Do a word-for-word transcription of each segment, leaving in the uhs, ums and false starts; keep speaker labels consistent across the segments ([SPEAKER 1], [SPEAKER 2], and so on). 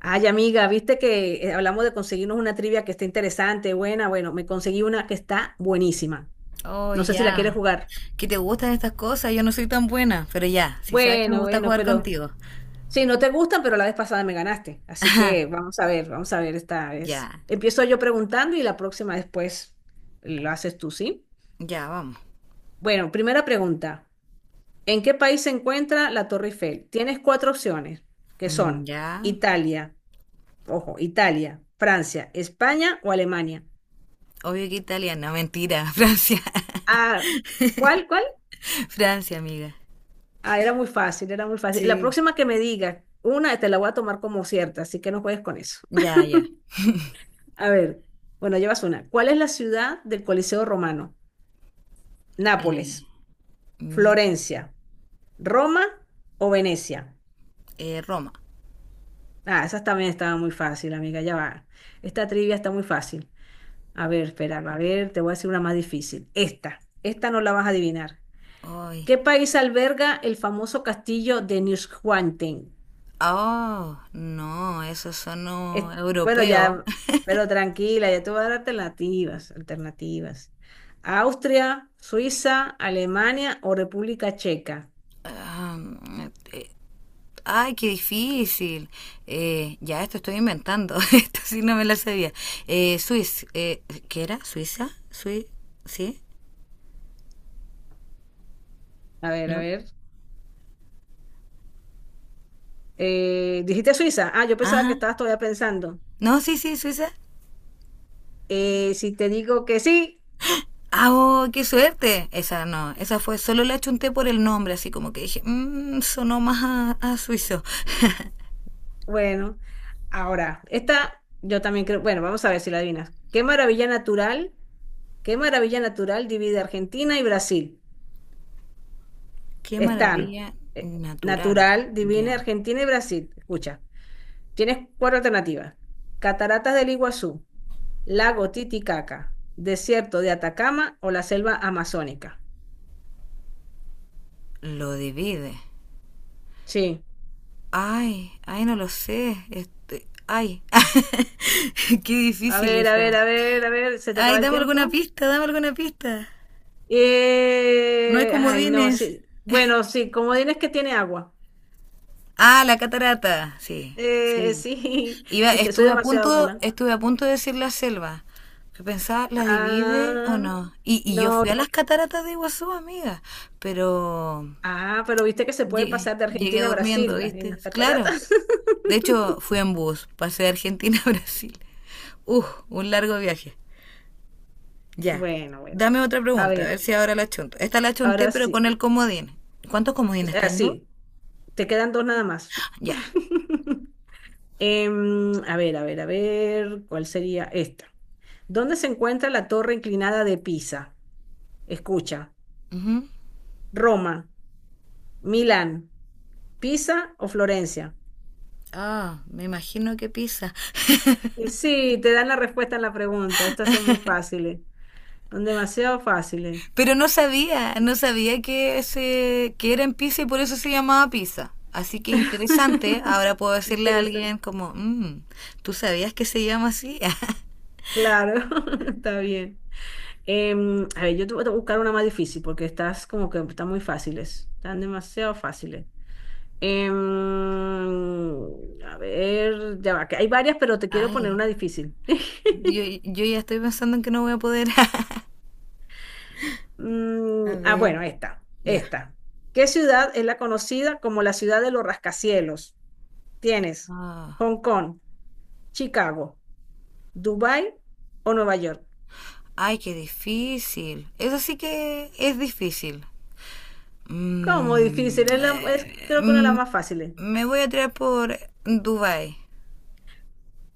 [SPEAKER 1] Ay, amiga, viste que eh, hablamos de conseguirnos una trivia que está interesante, buena. Bueno, me conseguí una que está buenísima.
[SPEAKER 2] Oh,
[SPEAKER 1] No sé si la
[SPEAKER 2] ya.
[SPEAKER 1] quieres jugar.
[SPEAKER 2] ¿Qué te gustan estas cosas? Yo no soy tan buena, pero ya, si sabes que me
[SPEAKER 1] Bueno,
[SPEAKER 2] gusta
[SPEAKER 1] bueno,
[SPEAKER 2] jugar
[SPEAKER 1] pero
[SPEAKER 2] contigo.
[SPEAKER 1] sí, no te gustan, pero la vez pasada me ganaste. Así que vamos a ver, vamos a ver esta vez.
[SPEAKER 2] Ya,
[SPEAKER 1] Empiezo yo preguntando y la próxima después lo haces tú, ¿sí?
[SPEAKER 2] ya, vamos.
[SPEAKER 1] Bueno, primera pregunta. ¿En qué país se encuentra la Torre Eiffel? Tienes cuatro opciones, que
[SPEAKER 2] Mm,
[SPEAKER 1] son
[SPEAKER 2] Ya.
[SPEAKER 1] Italia, ojo, Italia, Francia, España o Alemania.
[SPEAKER 2] Obvio que italiana, mentira, Francia.
[SPEAKER 1] Ah, ¿cuál, cuál?
[SPEAKER 2] Francia, amiga.
[SPEAKER 1] Ah, era muy fácil, era muy fácil. La
[SPEAKER 2] Sí.
[SPEAKER 1] próxima que me diga una, te la voy a tomar como cierta, así que no juegues con eso.
[SPEAKER 2] Ya, ya.
[SPEAKER 1] A ver, bueno, llevas una. ¿Cuál es la ciudad del Coliseo Romano?
[SPEAKER 2] Eh,
[SPEAKER 1] Nápoles,
[SPEAKER 2] mm,
[SPEAKER 1] Florencia, Roma o Venecia.
[SPEAKER 2] eh, Roma.
[SPEAKER 1] Ah, esa también estaba muy fácil, amiga, ya va. Esta trivia está muy fácil. A ver, espera, a ver, te voy a decir una más difícil. Esta, esta no la vas a adivinar.
[SPEAKER 2] Ay.
[SPEAKER 1] ¿Qué país alberga el famoso castillo de Neuschwanstein?
[SPEAKER 2] Oh, no, esos son no,
[SPEAKER 1] Es- bueno,
[SPEAKER 2] europeos.
[SPEAKER 1] ya, pero tranquila, ya te voy a dar alternativas, alternativas. Austria, Suiza, Alemania o República Checa.
[SPEAKER 2] Ah, ay, qué difícil. Eh, ya, esto estoy inventando. Esto sí no me la sabía. Eh, Suiz, eh, ¿qué era? ¿Suiza? ¿Sui? ¿Sí?
[SPEAKER 1] A ver, a
[SPEAKER 2] ¿No?
[SPEAKER 1] ver. Eh, ¿dijiste Suiza? Ah, yo pensaba que
[SPEAKER 2] Ajá.
[SPEAKER 1] estabas todavía pensando.
[SPEAKER 2] No, sí, sí, Suiza.
[SPEAKER 1] Eh, si te digo que sí,
[SPEAKER 2] ¡Ah, oh, qué suerte! Esa no, esa fue, solo la chunté por el nombre, así como que dije, mmm, sonó más a, a suizo.
[SPEAKER 1] bueno. Ahora, esta yo también creo, bueno, vamos a ver si la adivinas. ¿Qué maravilla natural, qué maravilla natural divide Argentina y Brasil?
[SPEAKER 2] ¡Qué
[SPEAKER 1] Están
[SPEAKER 2] maravilla
[SPEAKER 1] eh,
[SPEAKER 2] natural!
[SPEAKER 1] natural, divide
[SPEAKER 2] Ya,
[SPEAKER 1] Argentina y Brasil. Escucha. Tienes cuatro alternativas. Cataratas del Iguazú, lago Titicaca, desierto de Atacama o la selva amazónica.
[SPEAKER 2] lo divide.
[SPEAKER 1] Sí.
[SPEAKER 2] Ay, ay, no lo sé. Este, ay, qué
[SPEAKER 1] A
[SPEAKER 2] difícil
[SPEAKER 1] ver, a
[SPEAKER 2] esa.
[SPEAKER 1] ver, a ver, a ver, se te
[SPEAKER 2] Ay,
[SPEAKER 1] acaba el
[SPEAKER 2] dame alguna
[SPEAKER 1] tiempo.
[SPEAKER 2] pista, dame alguna pista. No hay
[SPEAKER 1] Eh, ay, no,
[SPEAKER 2] comodines.
[SPEAKER 1] sí. Bueno, sí, como dices que tiene agua.
[SPEAKER 2] Ah, la catarata, sí,
[SPEAKER 1] Eh,
[SPEAKER 2] sí.
[SPEAKER 1] sí,
[SPEAKER 2] Iba,
[SPEAKER 1] viste, soy
[SPEAKER 2] estuve a
[SPEAKER 1] demasiado
[SPEAKER 2] punto,
[SPEAKER 1] buena.
[SPEAKER 2] estuve a punto de decir la selva. Yo pensaba, ¿la divide o
[SPEAKER 1] Ah,
[SPEAKER 2] no? Y, y yo
[SPEAKER 1] no.
[SPEAKER 2] fui a las cataratas de Iguazú, amiga, pero
[SPEAKER 1] Ah, pero viste que se puede
[SPEAKER 2] llegué,
[SPEAKER 1] pasar de
[SPEAKER 2] llegué
[SPEAKER 1] Argentina a
[SPEAKER 2] durmiendo,
[SPEAKER 1] Brasil en
[SPEAKER 2] ¿viste?
[SPEAKER 1] las
[SPEAKER 2] Claro.
[SPEAKER 1] cataratas.
[SPEAKER 2] De hecho, fui en bus, pasé de Argentina a Brasil. Uf, un largo viaje. Ya.
[SPEAKER 1] Bueno, bueno.
[SPEAKER 2] Dame otra
[SPEAKER 1] A
[SPEAKER 2] pregunta, a
[SPEAKER 1] ver,
[SPEAKER 2] ver si ahora la chunto. Esta la chunté,
[SPEAKER 1] ahora
[SPEAKER 2] pero
[SPEAKER 1] sí.
[SPEAKER 2] con el comodín. ¿Cuántos comodines tengo?
[SPEAKER 1] Así. Te quedan dos nada más.
[SPEAKER 2] Ya.
[SPEAKER 1] Em, a ver, a ver, a ver, ¿cuál sería esta? ¿Dónde se encuentra la torre inclinada de Pisa? Escucha,
[SPEAKER 2] Ujú.
[SPEAKER 1] Roma, Milán, Pisa o Florencia.
[SPEAKER 2] Ah, oh, me imagino que Pisa.
[SPEAKER 1] Y sí, te dan la respuesta en la pregunta. Estas son muy fáciles, son demasiado fáciles.
[SPEAKER 2] Pero no sabía, no sabía que, ese, que era en Pisa y por eso se llamaba Pisa. Así que interesante, ahora puedo decirle a
[SPEAKER 1] Interesante.
[SPEAKER 2] alguien como, "Mm, ¿tú sabías que se llama así?"
[SPEAKER 1] Claro, está bien. Em, a ver, yo te voy a buscar una más difícil porque estás como que están muy fáciles, están demasiado fáciles. Em, a ver, ya va, que hay varias, pero te quiero poner
[SPEAKER 2] Ay,
[SPEAKER 1] una difícil.
[SPEAKER 2] yo, yo ya estoy pensando en que no voy a poder.
[SPEAKER 1] Mm,
[SPEAKER 2] A
[SPEAKER 1] ah,
[SPEAKER 2] ver,
[SPEAKER 1] bueno, esta,
[SPEAKER 2] ya.
[SPEAKER 1] esta. ¿Qué ciudad es la conocida como la ciudad de los rascacielos? Tienes
[SPEAKER 2] Ah,
[SPEAKER 1] Hong Kong, Chicago, Dubai o Nueva York.
[SPEAKER 2] ay, qué difícil. Eso sí que es difícil.
[SPEAKER 1] ¿Cómo
[SPEAKER 2] Mm,
[SPEAKER 1] difícil? Es la, es
[SPEAKER 2] eh,
[SPEAKER 1] creo que una de las
[SPEAKER 2] mm,
[SPEAKER 1] más fáciles.
[SPEAKER 2] me voy a tirar por Dubai.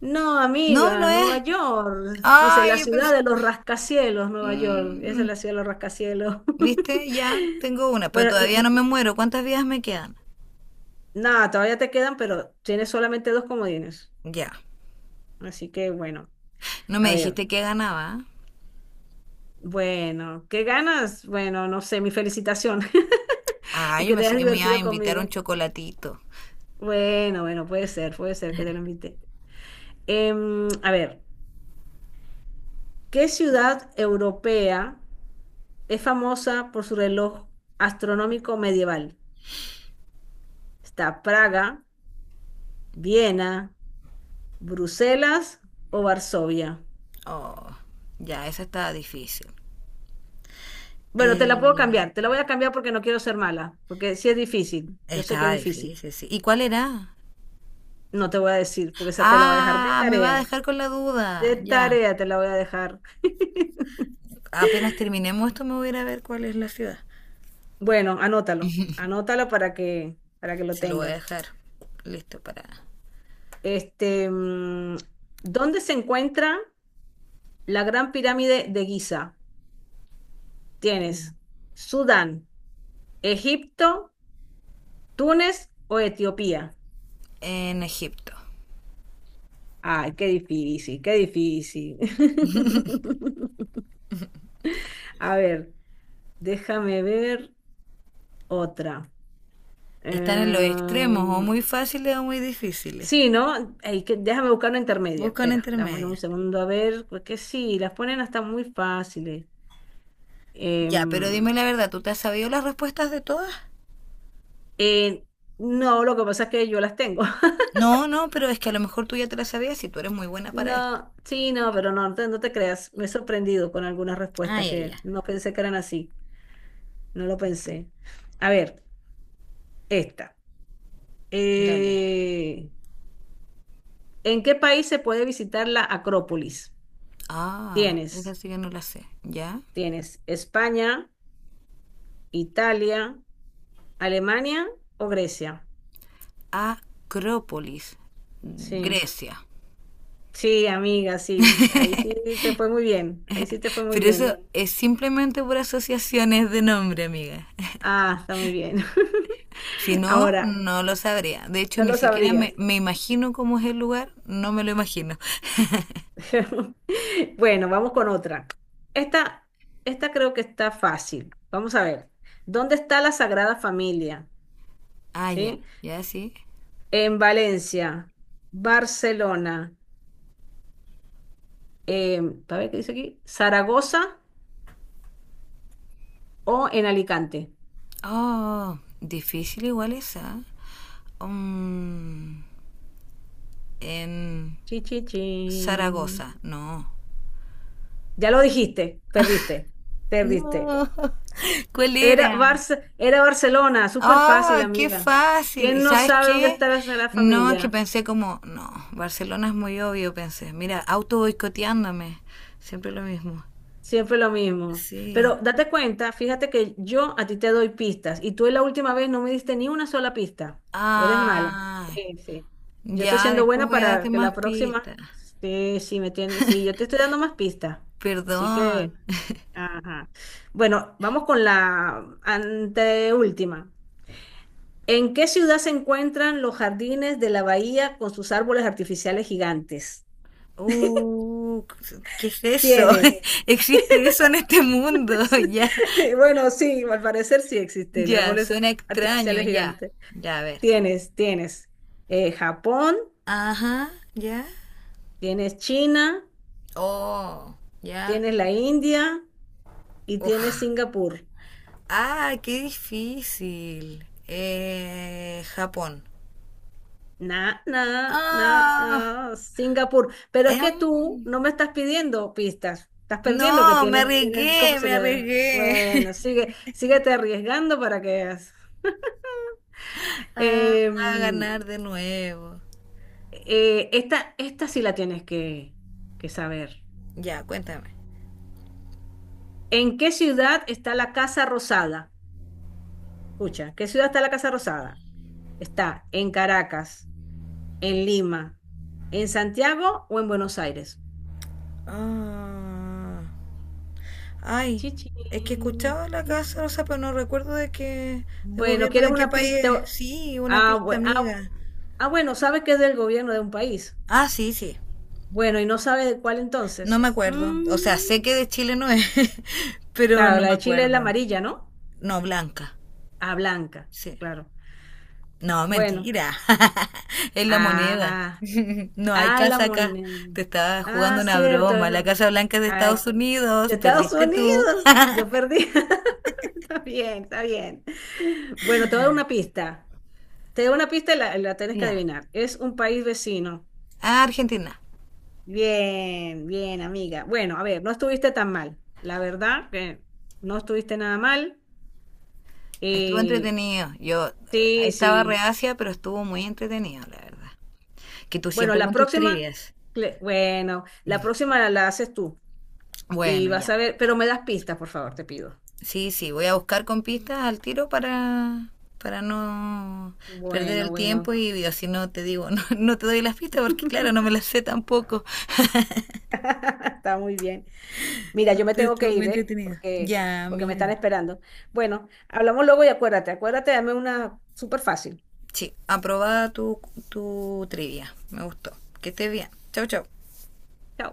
[SPEAKER 1] No,
[SPEAKER 2] No, no
[SPEAKER 1] amiga, Nueva
[SPEAKER 2] es.
[SPEAKER 1] York. Dice la
[SPEAKER 2] Ay, yo
[SPEAKER 1] ciudad
[SPEAKER 2] pensé.
[SPEAKER 1] de los rascacielos, Nueva York. Esa es
[SPEAKER 2] Mm,
[SPEAKER 1] la ciudad de los rascacielos.
[SPEAKER 2] ¿viste? Ya tengo una, pero
[SPEAKER 1] Bueno,
[SPEAKER 2] todavía
[SPEAKER 1] y
[SPEAKER 2] no me muero. ¿Cuántas vidas me quedan?
[SPEAKER 1] nada, todavía te quedan, pero tienes solamente dos comodines.
[SPEAKER 2] Ya.
[SPEAKER 1] Así que bueno,
[SPEAKER 2] No me
[SPEAKER 1] a ver,
[SPEAKER 2] dijiste que ganaba.
[SPEAKER 1] bueno, ¿qué ganas? Bueno, no sé, mi felicitación
[SPEAKER 2] Ah,
[SPEAKER 1] y
[SPEAKER 2] yo
[SPEAKER 1] que te
[SPEAKER 2] pensé
[SPEAKER 1] hayas
[SPEAKER 2] que me iba a
[SPEAKER 1] divertido
[SPEAKER 2] invitar a un
[SPEAKER 1] conmigo.
[SPEAKER 2] chocolatito.
[SPEAKER 1] Bueno, bueno, puede ser, puede ser que te lo invite. Em, a ver, ¿qué ciudad europea es famosa por su reloj astronómico medieval? ¿Está Praga, Viena, Bruselas o Varsovia?
[SPEAKER 2] Oh, ya, esa estaba difícil.
[SPEAKER 1] Bueno, te la puedo
[SPEAKER 2] Eh,
[SPEAKER 1] cambiar, te la voy a cambiar porque no quiero ser mala, porque sí es difícil, yo sé que es
[SPEAKER 2] Estaba
[SPEAKER 1] difícil.
[SPEAKER 2] difícil, sí. ¿Y cuál era?
[SPEAKER 1] No te voy a decir, porque esa te la voy a dejar de
[SPEAKER 2] Ah, me va a
[SPEAKER 1] tarea,
[SPEAKER 2] dejar con la
[SPEAKER 1] de
[SPEAKER 2] duda. Ya.
[SPEAKER 1] tarea te la voy a dejar.
[SPEAKER 2] Apenas terminemos esto, me voy a ir a ver cuál es la ciudad.
[SPEAKER 1] Bueno, anótalo, anótalo para que, para que lo
[SPEAKER 2] Si lo voy a
[SPEAKER 1] tengas.
[SPEAKER 2] dejar listo para...
[SPEAKER 1] Este, mm, ¿dónde se encuentra la Gran Pirámide de Giza? Tienes Sudán, Egipto, Túnez o Etiopía.
[SPEAKER 2] En Egipto.
[SPEAKER 1] Ay, qué difícil, qué difícil. A ver. Déjame ver otra.
[SPEAKER 2] Están en los extremos, o
[SPEAKER 1] Em,
[SPEAKER 2] muy fáciles o muy difíciles.
[SPEAKER 1] sí, ¿no? Ey, que- déjame buscar una intermedia.
[SPEAKER 2] Buscan
[SPEAKER 1] Espera, dame,
[SPEAKER 2] intermedia.
[SPEAKER 1] un segundo a ver, porque sí, las ponen hasta muy fáciles. Em,
[SPEAKER 2] Ya, pero dime la verdad, ¿tú te has sabido las respuestas de todas?
[SPEAKER 1] eh, no, lo que pasa es que yo las tengo.
[SPEAKER 2] No, no, pero es que a lo mejor tú ya te las sabías y tú eres muy buena para esto.
[SPEAKER 1] No, sí, no, pero no, no te, no te creas. Me he sorprendido con algunas
[SPEAKER 2] Ah,
[SPEAKER 1] respuestas
[SPEAKER 2] ya, ya.
[SPEAKER 1] que no pensé que eran así. No lo pensé. A ver, esta.
[SPEAKER 2] Dale.
[SPEAKER 1] Eh, ¿en qué país se puede visitar la Acrópolis?
[SPEAKER 2] Ah, esa
[SPEAKER 1] Tienes.
[SPEAKER 2] sí que no la sé. ¿Ya?
[SPEAKER 1] Tienes España, Italia, Alemania o Grecia.
[SPEAKER 2] Acrópolis,
[SPEAKER 1] Sí,
[SPEAKER 2] Grecia.
[SPEAKER 1] sí, amiga, sí. Ahí sí te fue muy bien. Ahí sí te fue muy
[SPEAKER 2] Pero eso
[SPEAKER 1] bien.
[SPEAKER 2] es simplemente por asociaciones de nombre, amiga.
[SPEAKER 1] Ah, está muy bien.
[SPEAKER 2] Si no,
[SPEAKER 1] Ahora,
[SPEAKER 2] no lo sabría. De hecho,
[SPEAKER 1] no
[SPEAKER 2] ni
[SPEAKER 1] lo
[SPEAKER 2] siquiera me,
[SPEAKER 1] sabrías.
[SPEAKER 2] me imagino cómo es el lugar, no me lo imagino.
[SPEAKER 1] Bueno, vamos con otra. Esta, esta creo que está fácil. Vamos a ver. ¿Dónde está la Sagrada Familia?
[SPEAKER 2] Ah, ya,
[SPEAKER 1] ¿Sí?
[SPEAKER 2] ya sí.
[SPEAKER 1] En Valencia, Barcelona, em, a ver qué dice aquí, Zaragoza o en Alicante.
[SPEAKER 2] Oh, difícil igual esa. Um, en
[SPEAKER 1] Chi, chi, chin.
[SPEAKER 2] Zaragoza, no.
[SPEAKER 1] Ya lo dijiste, perdiste, perdiste.
[SPEAKER 2] No. ¿Cuál
[SPEAKER 1] Era
[SPEAKER 2] era?
[SPEAKER 1] Barce- era Barcelona, súper fácil,
[SPEAKER 2] Ah, qué
[SPEAKER 1] amiga.
[SPEAKER 2] fácil. ¿Y
[SPEAKER 1] ¿Quién no
[SPEAKER 2] sabes
[SPEAKER 1] sabe dónde
[SPEAKER 2] qué?
[SPEAKER 1] está la Sagrada
[SPEAKER 2] No, es que
[SPEAKER 1] Familia?
[SPEAKER 2] pensé como, no, Barcelona es muy obvio, pensé. Mira, auto boicoteándome. Siempre lo mismo.
[SPEAKER 1] Siempre lo mismo. Pero
[SPEAKER 2] Sí.
[SPEAKER 1] date cuenta, fíjate que yo a ti te doy pistas y tú la última vez no me diste ni una sola pista. Pues eres mala.
[SPEAKER 2] Ay,
[SPEAKER 1] Sí, sí. Yo estoy
[SPEAKER 2] ya,
[SPEAKER 1] siendo
[SPEAKER 2] después
[SPEAKER 1] buena
[SPEAKER 2] voy a darte
[SPEAKER 1] para que
[SPEAKER 2] más
[SPEAKER 1] la próxima,
[SPEAKER 2] pistas.
[SPEAKER 1] sí, sí me tienes, sí, yo te estoy dando más pistas. Así
[SPEAKER 2] Perdón.
[SPEAKER 1] que ajá. Bueno, vamos con la anteúltima. ¿En qué ciudad se encuentran los jardines de la bahía con sus árboles artificiales gigantes?
[SPEAKER 2] Uh, ¿qué es eso?
[SPEAKER 1] Tienes.
[SPEAKER 2] ¿Existe eso en este mundo? Ya,
[SPEAKER 1] Bueno, sí, al parecer sí existe el
[SPEAKER 2] ya,
[SPEAKER 1] árboles
[SPEAKER 2] suena extraño,
[SPEAKER 1] artificiales
[SPEAKER 2] ya.
[SPEAKER 1] gigantes.
[SPEAKER 2] Ya, a ver.
[SPEAKER 1] Tienes, tienes eh, Japón,
[SPEAKER 2] Ajá, ya.
[SPEAKER 1] tienes China,
[SPEAKER 2] Oh, ya.
[SPEAKER 1] tienes la India y tienes
[SPEAKER 2] Uf.
[SPEAKER 1] Singapur.
[SPEAKER 2] Ah, qué difícil. Eh, Japón.
[SPEAKER 1] Na, na, na, na,
[SPEAKER 2] Ah,
[SPEAKER 1] Singapur. Pero es que
[SPEAKER 2] em,
[SPEAKER 1] tú no me estás pidiendo pistas. Estás perdiendo que
[SPEAKER 2] no, me
[SPEAKER 1] tienes, tienes dos
[SPEAKER 2] arriesgué, me
[SPEAKER 1] posibilidades.
[SPEAKER 2] arriesgué.
[SPEAKER 1] Bueno, sigue, síguete arriesgando para que veas.
[SPEAKER 2] Ah, a
[SPEAKER 1] Em,
[SPEAKER 2] ganar de nuevo.
[SPEAKER 1] eh, esta, esta sí la tienes que, que saber.
[SPEAKER 2] Ya, cuéntame.
[SPEAKER 1] ¿En qué ciudad está la Casa Rosada? Escucha, ¿qué ciudad está la Casa Rosada? ¿Está en Caracas, en Lima, en Santiago o en Buenos Aires?
[SPEAKER 2] Ah. Ay, es que
[SPEAKER 1] Chichín,
[SPEAKER 2] escuchaba la Casa
[SPEAKER 1] chichín.
[SPEAKER 2] Rosa, pero no recuerdo de qué, de
[SPEAKER 1] Bueno,
[SPEAKER 2] gobierno
[SPEAKER 1] ¿quieres
[SPEAKER 2] de qué
[SPEAKER 1] una
[SPEAKER 2] país es.
[SPEAKER 1] pista?
[SPEAKER 2] Sí, una
[SPEAKER 1] Ah,
[SPEAKER 2] pista
[SPEAKER 1] bue- ah,
[SPEAKER 2] amiga.
[SPEAKER 1] ah, bueno, sabe que es del gobierno de un país.
[SPEAKER 2] Ah, sí, sí.
[SPEAKER 1] Bueno, ¿y no sabe de cuál
[SPEAKER 2] No
[SPEAKER 1] entonces?
[SPEAKER 2] me acuerdo. O sea,
[SPEAKER 1] Mm,
[SPEAKER 2] sé que de Chile no es, pero
[SPEAKER 1] claro,
[SPEAKER 2] no
[SPEAKER 1] la
[SPEAKER 2] me
[SPEAKER 1] de Chile es la
[SPEAKER 2] acuerdo.
[SPEAKER 1] amarilla, ¿no?
[SPEAKER 2] No, blanca.
[SPEAKER 1] Ah, blanca,
[SPEAKER 2] Sí.
[SPEAKER 1] claro.
[SPEAKER 2] No,
[SPEAKER 1] Bueno,
[SPEAKER 2] mentira. Es la moneda.
[SPEAKER 1] ah,
[SPEAKER 2] No hay
[SPEAKER 1] ah, es la
[SPEAKER 2] casa acá.
[SPEAKER 1] moneda.
[SPEAKER 2] Te estaba
[SPEAKER 1] Ah,
[SPEAKER 2] jugando una
[SPEAKER 1] cierto.
[SPEAKER 2] broma. La
[SPEAKER 1] eh,
[SPEAKER 2] Casa Blanca es de
[SPEAKER 1] ah,
[SPEAKER 2] Estados Unidos.
[SPEAKER 1] de Estados
[SPEAKER 2] Perdiste tú.
[SPEAKER 1] Unidos. Yo perdí. Está bien, está bien. Bueno, te voy a dar una pista. Te doy una pista y la, la tienes que
[SPEAKER 2] Ya.
[SPEAKER 1] adivinar. Es un país vecino.
[SPEAKER 2] Ah, Argentina.
[SPEAKER 1] Bien, bien, amiga. Bueno, a ver, no estuviste tan mal. La verdad que no estuviste nada mal.
[SPEAKER 2] Estuvo
[SPEAKER 1] Eh,
[SPEAKER 2] entretenido. Yo
[SPEAKER 1] sí,
[SPEAKER 2] estaba
[SPEAKER 1] sí.
[SPEAKER 2] reacia, pero estuvo muy entretenido, la verdad. Que tú
[SPEAKER 1] Bueno,
[SPEAKER 2] siempre
[SPEAKER 1] la
[SPEAKER 2] con tus
[SPEAKER 1] próxima,
[SPEAKER 2] trivias.
[SPEAKER 1] cle- bueno, la próxima la, la haces tú y
[SPEAKER 2] Bueno,
[SPEAKER 1] vas
[SPEAKER 2] ya.
[SPEAKER 1] a ver, pero me das pistas, por favor, te pido.
[SPEAKER 2] Sí, sí, voy a buscar con pistas al tiro para, para no perder
[SPEAKER 1] Bueno,
[SPEAKER 2] el
[SPEAKER 1] bueno.
[SPEAKER 2] tiempo y digo, si no te digo, no, no te doy las pistas porque claro, no me las sé tampoco.
[SPEAKER 1] Está muy bien. Mira, yo me
[SPEAKER 2] Pero
[SPEAKER 1] tengo que
[SPEAKER 2] estuvo muy
[SPEAKER 1] ir, ¿eh?
[SPEAKER 2] entretenido.
[SPEAKER 1] Porque,
[SPEAKER 2] Ya,
[SPEAKER 1] porque me están
[SPEAKER 2] amiga.
[SPEAKER 1] esperando. Bueno, hablamos luego y acuérdate, acuérdate, dame una súper fácil.
[SPEAKER 2] Sí, aprobada tu, tu trivia. Me gustó. Que estés bien. Chau, chau.
[SPEAKER 1] Chao.